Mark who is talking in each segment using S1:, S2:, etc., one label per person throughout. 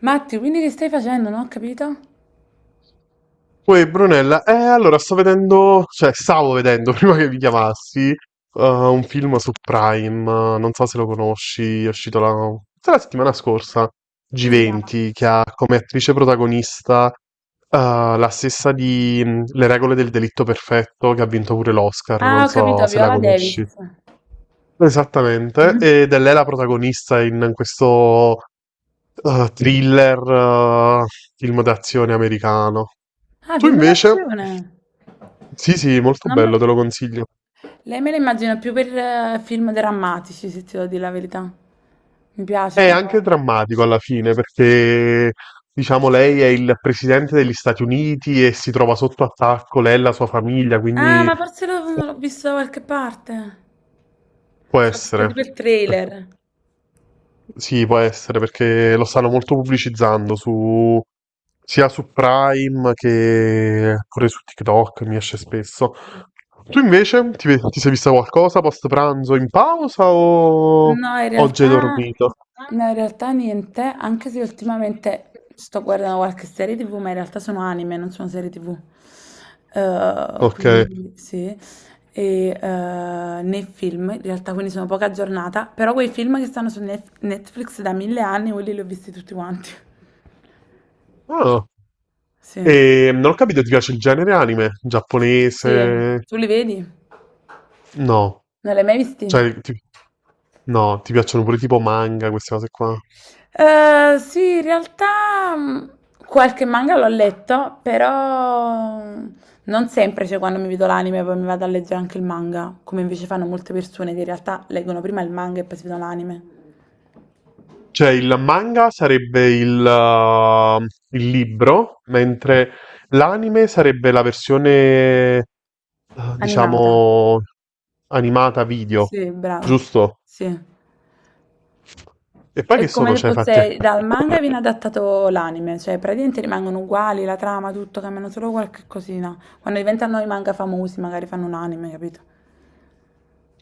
S1: Matti, quindi che stai facendo? Non ho capito.
S2: Poi Brunella, allora sto vedendo, cioè stavo vedendo prima che vi chiamassi, un film su Prime, non so se lo conosci, è uscito la, forse la settimana scorsa,
S1: Come si chiama?
S2: G20, che ha come attrice protagonista, la stessa di Le regole del delitto perfetto, che ha vinto pure l'Oscar,
S1: Ah,
S2: non
S1: ho capito,
S2: so se la
S1: Viola Davis.
S2: conosci. Esattamente, ed è lei la protagonista in questo thriller, eh, film d'azione americano.
S1: Ah,
S2: Tu
S1: film
S2: invece?
S1: d'azione.
S2: Sì, sì, molto
S1: Non me...
S2: bello, te lo consiglio.
S1: Lei me la immagino più per film drammatici, se ti devo dire la verità. Mi piace
S2: È anche
S1: quando...
S2: drammatico alla fine perché, diciamo, lei è il presidente degli Stati Uniti e si trova sotto attacco, lei e la sua famiglia,
S1: Ah,
S2: quindi
S1: ma forse l'ho visto da qualche parte.
S2: può
S1: Ci ho visto
S2: essere.
S1: tipo il
S2: Eh,
S1: trailer.
S2: Sì, può essere perché lo stanno molto pubblicizzando su, sia su Prime che pure su TikTok, mi esce spesso. Tu invece ti sei vista qualcosa post pranzo in pausa o
S1: No, in
S2: oggi hai
S1: realtà,
S2: dormito?
S1: no, in realtà niente, anche se ultimamente sto guardando qualche serie TV, ma in realtà sono anime, non sono serie TV.
S2: Ok.
S1: Quindi sì, e nei film, in realtà quindi sono poca aggiornata, però quei film che stanno su Netflix da 1000 anni, quelli li ho visti tutti quanti.
S2: Ah.
S1: Sì.
S2: E non ho capito, ti piace il genere anime?
S1: Sì,
S2: Giapponese?
S1: tu li vedi?
S2: No.
S1: Non li hai mai visti?
S2: Cioè, no, ti piacciono pure tipo manga, queste cose qua.
S1: Sì, in realtà qualche manga l'ho letto, però non sempre, cioè quando mi vedo l'anime poi mi vado a leggere anche il manga, come invece fanno molte persone che in realtà leggono prima il manga e poi si vedono l'anime.
S2: Cioè, il manga sarebbe il libro, mentre l'anime sarebbe la versione, eh,
S1: Animata,
S2: diciamo, animata video,
S1: sì, bravo,
S2: giusto?
S1: sì.
S2: E poi
S1: È
S2: che
S1: come
S2: sono,
S1: se
S2: cioè, fatti a.
S1: fosse dal manga viene adattato l'anime, cioè praticamente rimangono uguali, la trama, tutto, cambiano solo qualche cosina. Quando diventano i manga famosi magari fanno un anime, capito?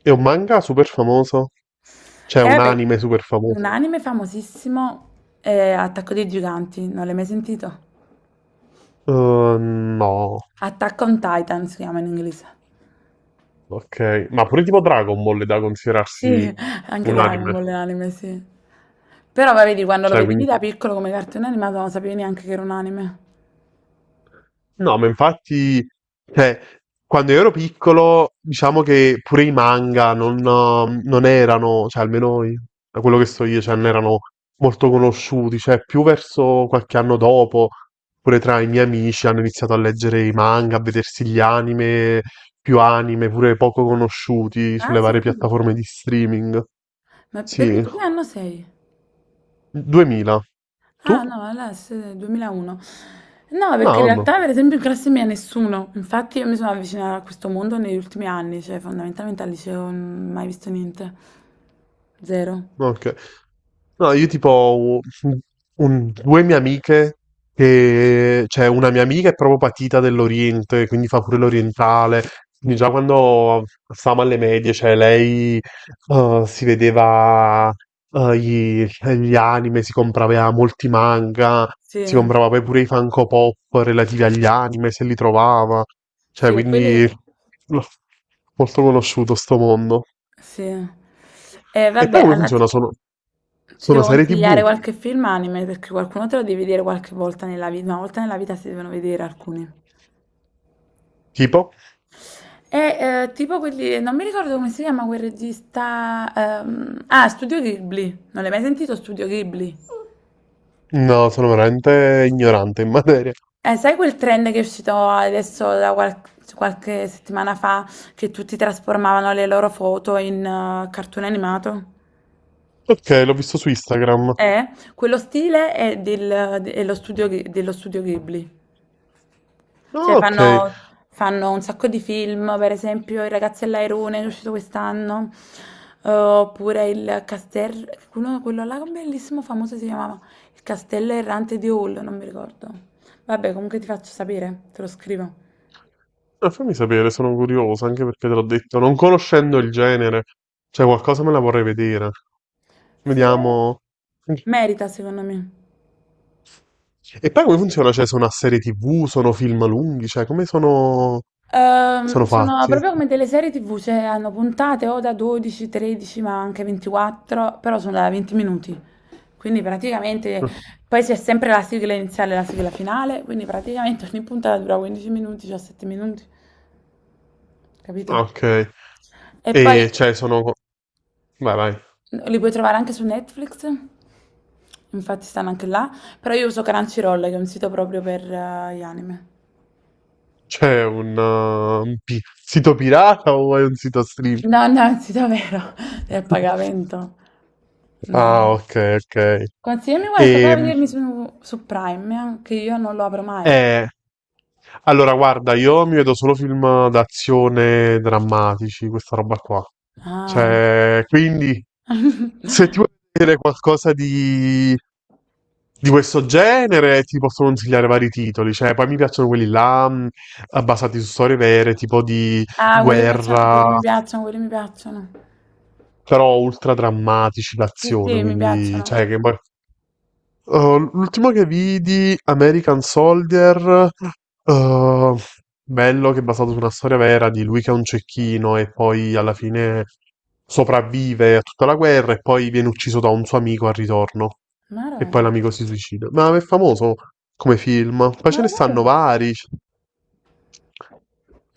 S2: È un manga super famoso? C'è
S1: E
S2: un
S1: vabbè,
S2: anime super
S1: un
S2: famoso?
S1: anime famosissimo è Attacco dei Giganti, non l'hai mai sentito?
S2: Eh, no.
S1: Attack on Titan si chiama in inglese.
S2: Ok, ma pure tipo Dragon Ball è da considerarsi
S1: Sì, anche
S2: un
S1: Dragon
S2: anime.
S1: Ball è un anime, sì. Però va, vedi, quando lo
S2: Cioè,
S1: vedevi
S2: quindi.
S1: da piccolo come cartone animato non sapevi neanche che era un anime.
S2: No, ma infatti, cioè, quando io ero piccolo, diciamo che pure i manga non erano, cioè da quello che so io, cioè, non erano molto conosciuti, cioè più verso qualche anno dopo, pure tra i miei amici hanno iniziato a leggere i manga, a vedersi gli anime, più anime, pure poco conosciuti
S1: Ah,
S2: sulle
S1: sì?
S2: varie piattaforme di streaming.
S1: Ma perché
S2: Sì,
S1: tu che anno sei?
S2: 2000.
S1: Ah,
S2: Tu?
S1: no, allora sei 2001. No, perché
S2: No,
S1: in
S2: vabbè.
S1: realtà, per esempio, in classe mia nessuno. Infatti io mi sono avvicinata a questo mondo negli ultimi anni, cioè fondamentalmente al liceo non ho mai visto niente. Zero.
S2: Ok. No, io tipo ho un- due mie amiche che, cioè una mia amica è proprio patita dell'Oriente, quindi fa pure l'orientale. Quindi già quando stavamo alle medie, cioè lei si vedeva eh, gli, gli anime, si comprava molti manga,
S1: Sì,
S2: si comprava poi pure i Funko Pop relativi agli anime, se li trovava.
S1: sì,
S2: Cioè,
S1: e quelli...
S2: quindi no, molto conosciuto sto mondo.
S1: Sì. E
S2: E
S1: vabbè,
S2: poi come funziona? Sono,
S1: ti
S2: sono
S1: devo
S2: serie
S1: consigliare
S2: TV?
S1: qualche film anime perché qualcuno te lo devi vedere qualche volta nella vita, una volta nella vita si devono vedere alcuni.
S2: Tipo?
S1: E tipo quelli, non mi ricordo come si chiama quel regista... Ah, Studio Ghibli. Non l'hai mai sentito Studio Ghibli?
S2: No, sono veramente ignorante in materia.
S1: Sai quel trend che è uscito adesso da qualche settimana fa che tutti trasformavano le loro foto in cartone animato?
S2: Ok, l'ho visto su Instagram.
S1: Eh, quello stile è, è lo dello studio Ghibli. Cioè
S2: Ah, ok.
S1: fanno, fanno un sacco di film, per esempio I ragazzi all'airone, che è uscito quest'anno, oppure il castello, quello là, un bellissimo famoso si chiamava Il castello errante di Hall, non mi ricordo. Vabbè, comunque ti faccio sapere, te lo scrivo.
S2: Fammi sapere, sono curioso, anche perché te l'ho detto, non conoscendo il genere, cioè qualcosa me la vorrei vedere.
S1: Sì, eh.
S2: Vediamo.
S1: Merita secondo me.
S2: E poi come funziona? Cioè, sono a serie TV, sono film lunghi, cioè come sono sono
S1: Sono
S2: fatti?
S1: proprio come delle serie TV, cioè hanno puntate o da 12, 13, ma anche 24, però sono da 20 minuti. Quindi praticamente
S2: Ah,
S1: poi c'è sempre la sigla iniziale e la sigla finale, quindi praticamente ogni puntata dura 15 minuti, 17 minuti, capito?
S2: ok.
S1: E poi
S2: E cioè sono. Vai, vai.
S1: li puoi trovare anche su Netflix, infatti stanno anche là, però io uso Crunchyroll, che è un sito proprio per gli anime.
S2: C'è un sito pirata o è un sito stream?
S1: No, no, è un sito vero, è a pagamento. No.
S2: Ah, ok, ok.
S1: Consigliami qualcosa da
S2: E,
S1: vedermi su Prime, che io non lo apro mai.
S2: eh, allora, guarda, io mi vedo solo film d'azione drammatici, questa roba qua.
S1: Ah, eh.
S2: Cioè, quindi, se ti vuoi vedere qualcosa di questo genere, ti posso consigliare vari titoli. Cioè, poi mi piacciono quelli là, basati su storie vere, tipo di
S1: Ah, quelli mi piacciono,
S2: guerra.
S1: quelli mi piacciono, quelli mi piacciono.
S2: Però ultra drammatici
S1: Sì,
S2: l'azione,
S1: sì, mi
S2: quindi
S1: piacciono.
S2: cioè che poi. Oh, l'ultimo che vidi, American Soldier, eh, bello che è basato su una storia vera di lui che è un cecchino e poi alla fine sopravvive a tutta la guerra e poi viene ucciso da un suo amico al ritorno
S1: Maro,
S2: e poi l'amico si suicida. Ma è famoso come film, poi
S1: ma
S2: ce
S1: lo
S2: ne
S1: sai?
S2: stanno vari.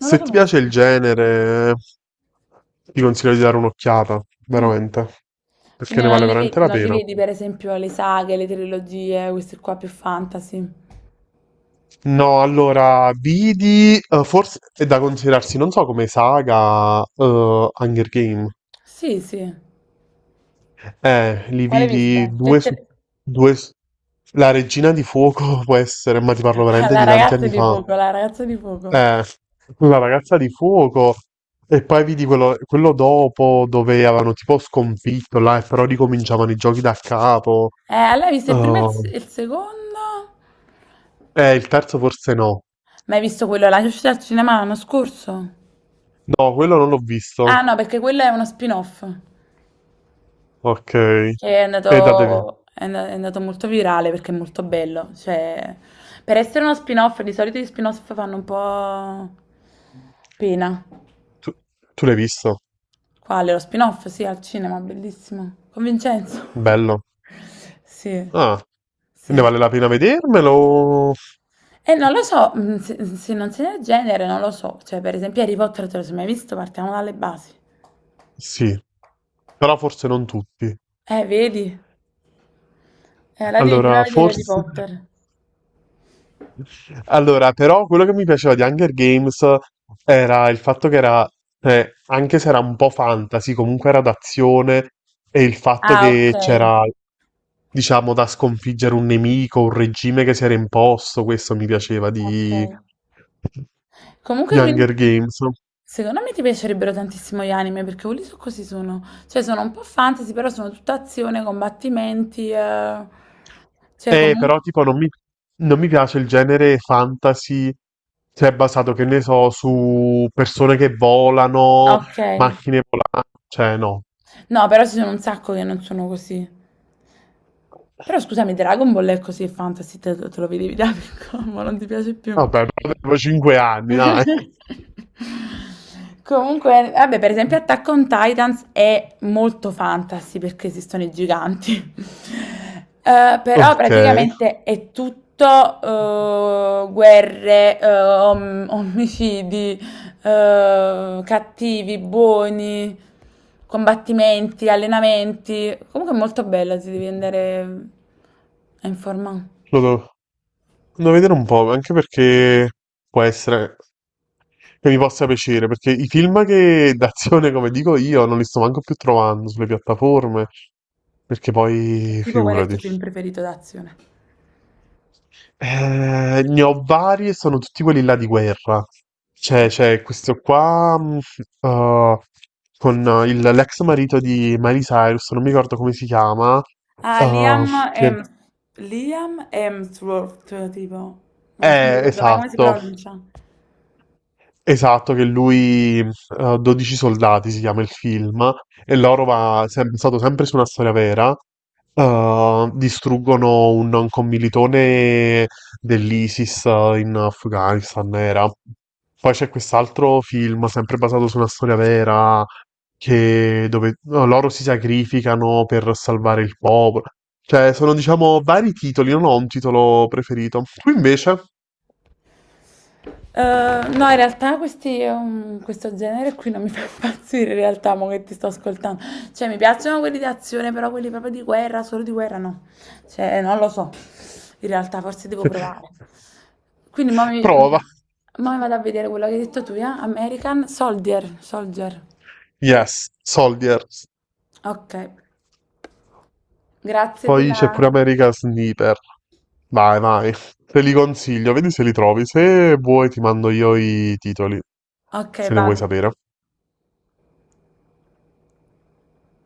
S1: Non lo
S2: ti piace
S1: conosco.
S2: il genere, ti consiglio di dare un'occhiata,
S1: Mm.
S2: veramente, perché
S1: Quindi
S2: ne
S1: non
S2: vale
S1: li
S2: veramente
S1: vedi,
S2: la
S1: non li
S2: pena.
S1: vedi, per esempio, le saghe, le trilogie, questi qua più fantasy.
S2: No, allora, vidi, forse è da considerarsi, non so come saga, Hunger Game.
S1: Sì, sì.
S2: Li
S1: Quale hai
S2: vidi
S1: visto?
S2: due su due. La Regina di Fuoco può essere, ma ti parlo veramente di tanti anni fa.
S1: La ragazza di fuoco.
S2: Eh, la ragazza di fuoco. E poi vidi quello, quello dopo dove avevano tipo sconfitto là, e però ricominciavano i giochi da capo.
S1: Allora hai visto il primo e il, se-
S2: Oh,
S1: il secondo?
S2: il terzo forse no.
S1: Ma hai visto quello alla uscita al cinema l'anno scorso?
S2: No, quello non l'ho visto.
S1: Ah no, perché quello è uno spin-off
S2: Ok.
S1: che è
S2: E da deve-
S1: andato, è andato molto virale perché è molto bello. Cioè, per essere uno spin-off, di solito gli spin-off fanno un po' pena.
S2: Tu, tu l'hai visto?
S1: Quale? Lo spin-off? Sì, al cinema, bellissimo. Con Vincenzo.
S2: Bello.
S1: Sì,
S2: Ah, e ne
S1: sì.
S2: vale la pena vedermelo?
S1: E non lo so, mm, se non sei del genere, non lo so. Cioè, per esempio Harry Potter, te lo sei mai visto? Partiamo dalle basi.
S2: Sì, però forse non tutti.
S1: Vedi? La devi prima
S2: Allora,
S1: vedere Harry
S2: forse.
S1: Potter.
S2: Allora, però quello che mi piaceva di Hunger Games era il fatto che era, cioè, anche se era un po' fantasy, comunque era d'azione e il fatto
S1: Ah, ok.
S2: che c'era, diciamo, da sconfiggere un nemico, un regime che si era imposto, questo mi piaceva
S1: Ok.
S2: di
S1: Comunque, quindi,
S2: Hunger Games.
S1: secondo me ti piacerebbero tantissimo gli anime, perché quelli so così sono. Cioè, sono un po' fantasy, però sono tutta azione, combattimenti. Eh. Cioè,
S2: Però
S1: comunque...
S2: tipo non mi piace il genere fantasy, cioè basato, che ne so, su persone che volano,
S1: Ok.
S2: macchine volanti, cioè no,
S1: No, però ci sono un sacco che non sono così.
S2: vabbè,
S1: Però scusami, Dragon Ball è così, è fantasy, te lo vedevi da piccolo, ma non ti piace più.
S2: però avevo 5 anni, dai.
S1: Comunque, vabbè, per esempio Attack on Titans è molto fantasy perché esistono i giganti. Però
S2: Ok.
S1: praticamente è tutto guerre, omicidi, cattivi, buoni, combattimenti, allenamenti. Comunque è molto bella, si devi andare a informare.
S2: Lo devo vedere un po', anche perché può essere che mi possa piacere, perché i film che d'azione, come dico io, non li sto manco più trovando sulle piattaforme, perché
S1: È
S2: poi
S1: tipo qual è il
S2: figurati.
S1: tuo film preferito d'azione?
S2: Ne ho vari, e sono tutti quelli là di guerra. C'è questo qua eh, con l'ex marito di Miley Cyrus, non mi ricordo come si chiama.
S1: Ah,
S2: eh, che-
S1: Liam Hemsworth, tipo. Non mi ricordo mai come si
S2: Esatto.
S1: pronuncia.
S2: Esatto, che lui, 12 soldati si chiama il film, e loro stato sempre su una storia vera. Distruggono un commilitone dell'ISIS in Afghanistan, era. Poi c'è quest'altro film, sempre basato su una storia vera, che dove no, loro si sacrificano per salvare il popolo. Cioè, sono, diciamo, vari titoli, non ho un titolo preferito. Tu invece,
S1: Eh, no, in realtà questi, questo genere qui non mi fa impazzire, in realtà, mo che ti sto ascoltando. Cioè, mi piacciono quelli di azione, però quelli proprio di guerra, solo di guerra no. Cioè, non lo so. In realtà, forse devo provare. Quindi,
S2: prova.
S1: mo mi vado a vedere quello che hai detto tu, eh? American Soldier, Soldier.
S2: Yes, Soldiers.
S1: Ok, grazie
S2: Poi c'è pure
S1: della...
S2: America Sniper. Vai, vai. Te li consiglio, vedi se li trovi. Se vuoi ti mando io i titoli,
S1: Ok,
S2: se ne vuoi
S1: vado.
S2: sapere.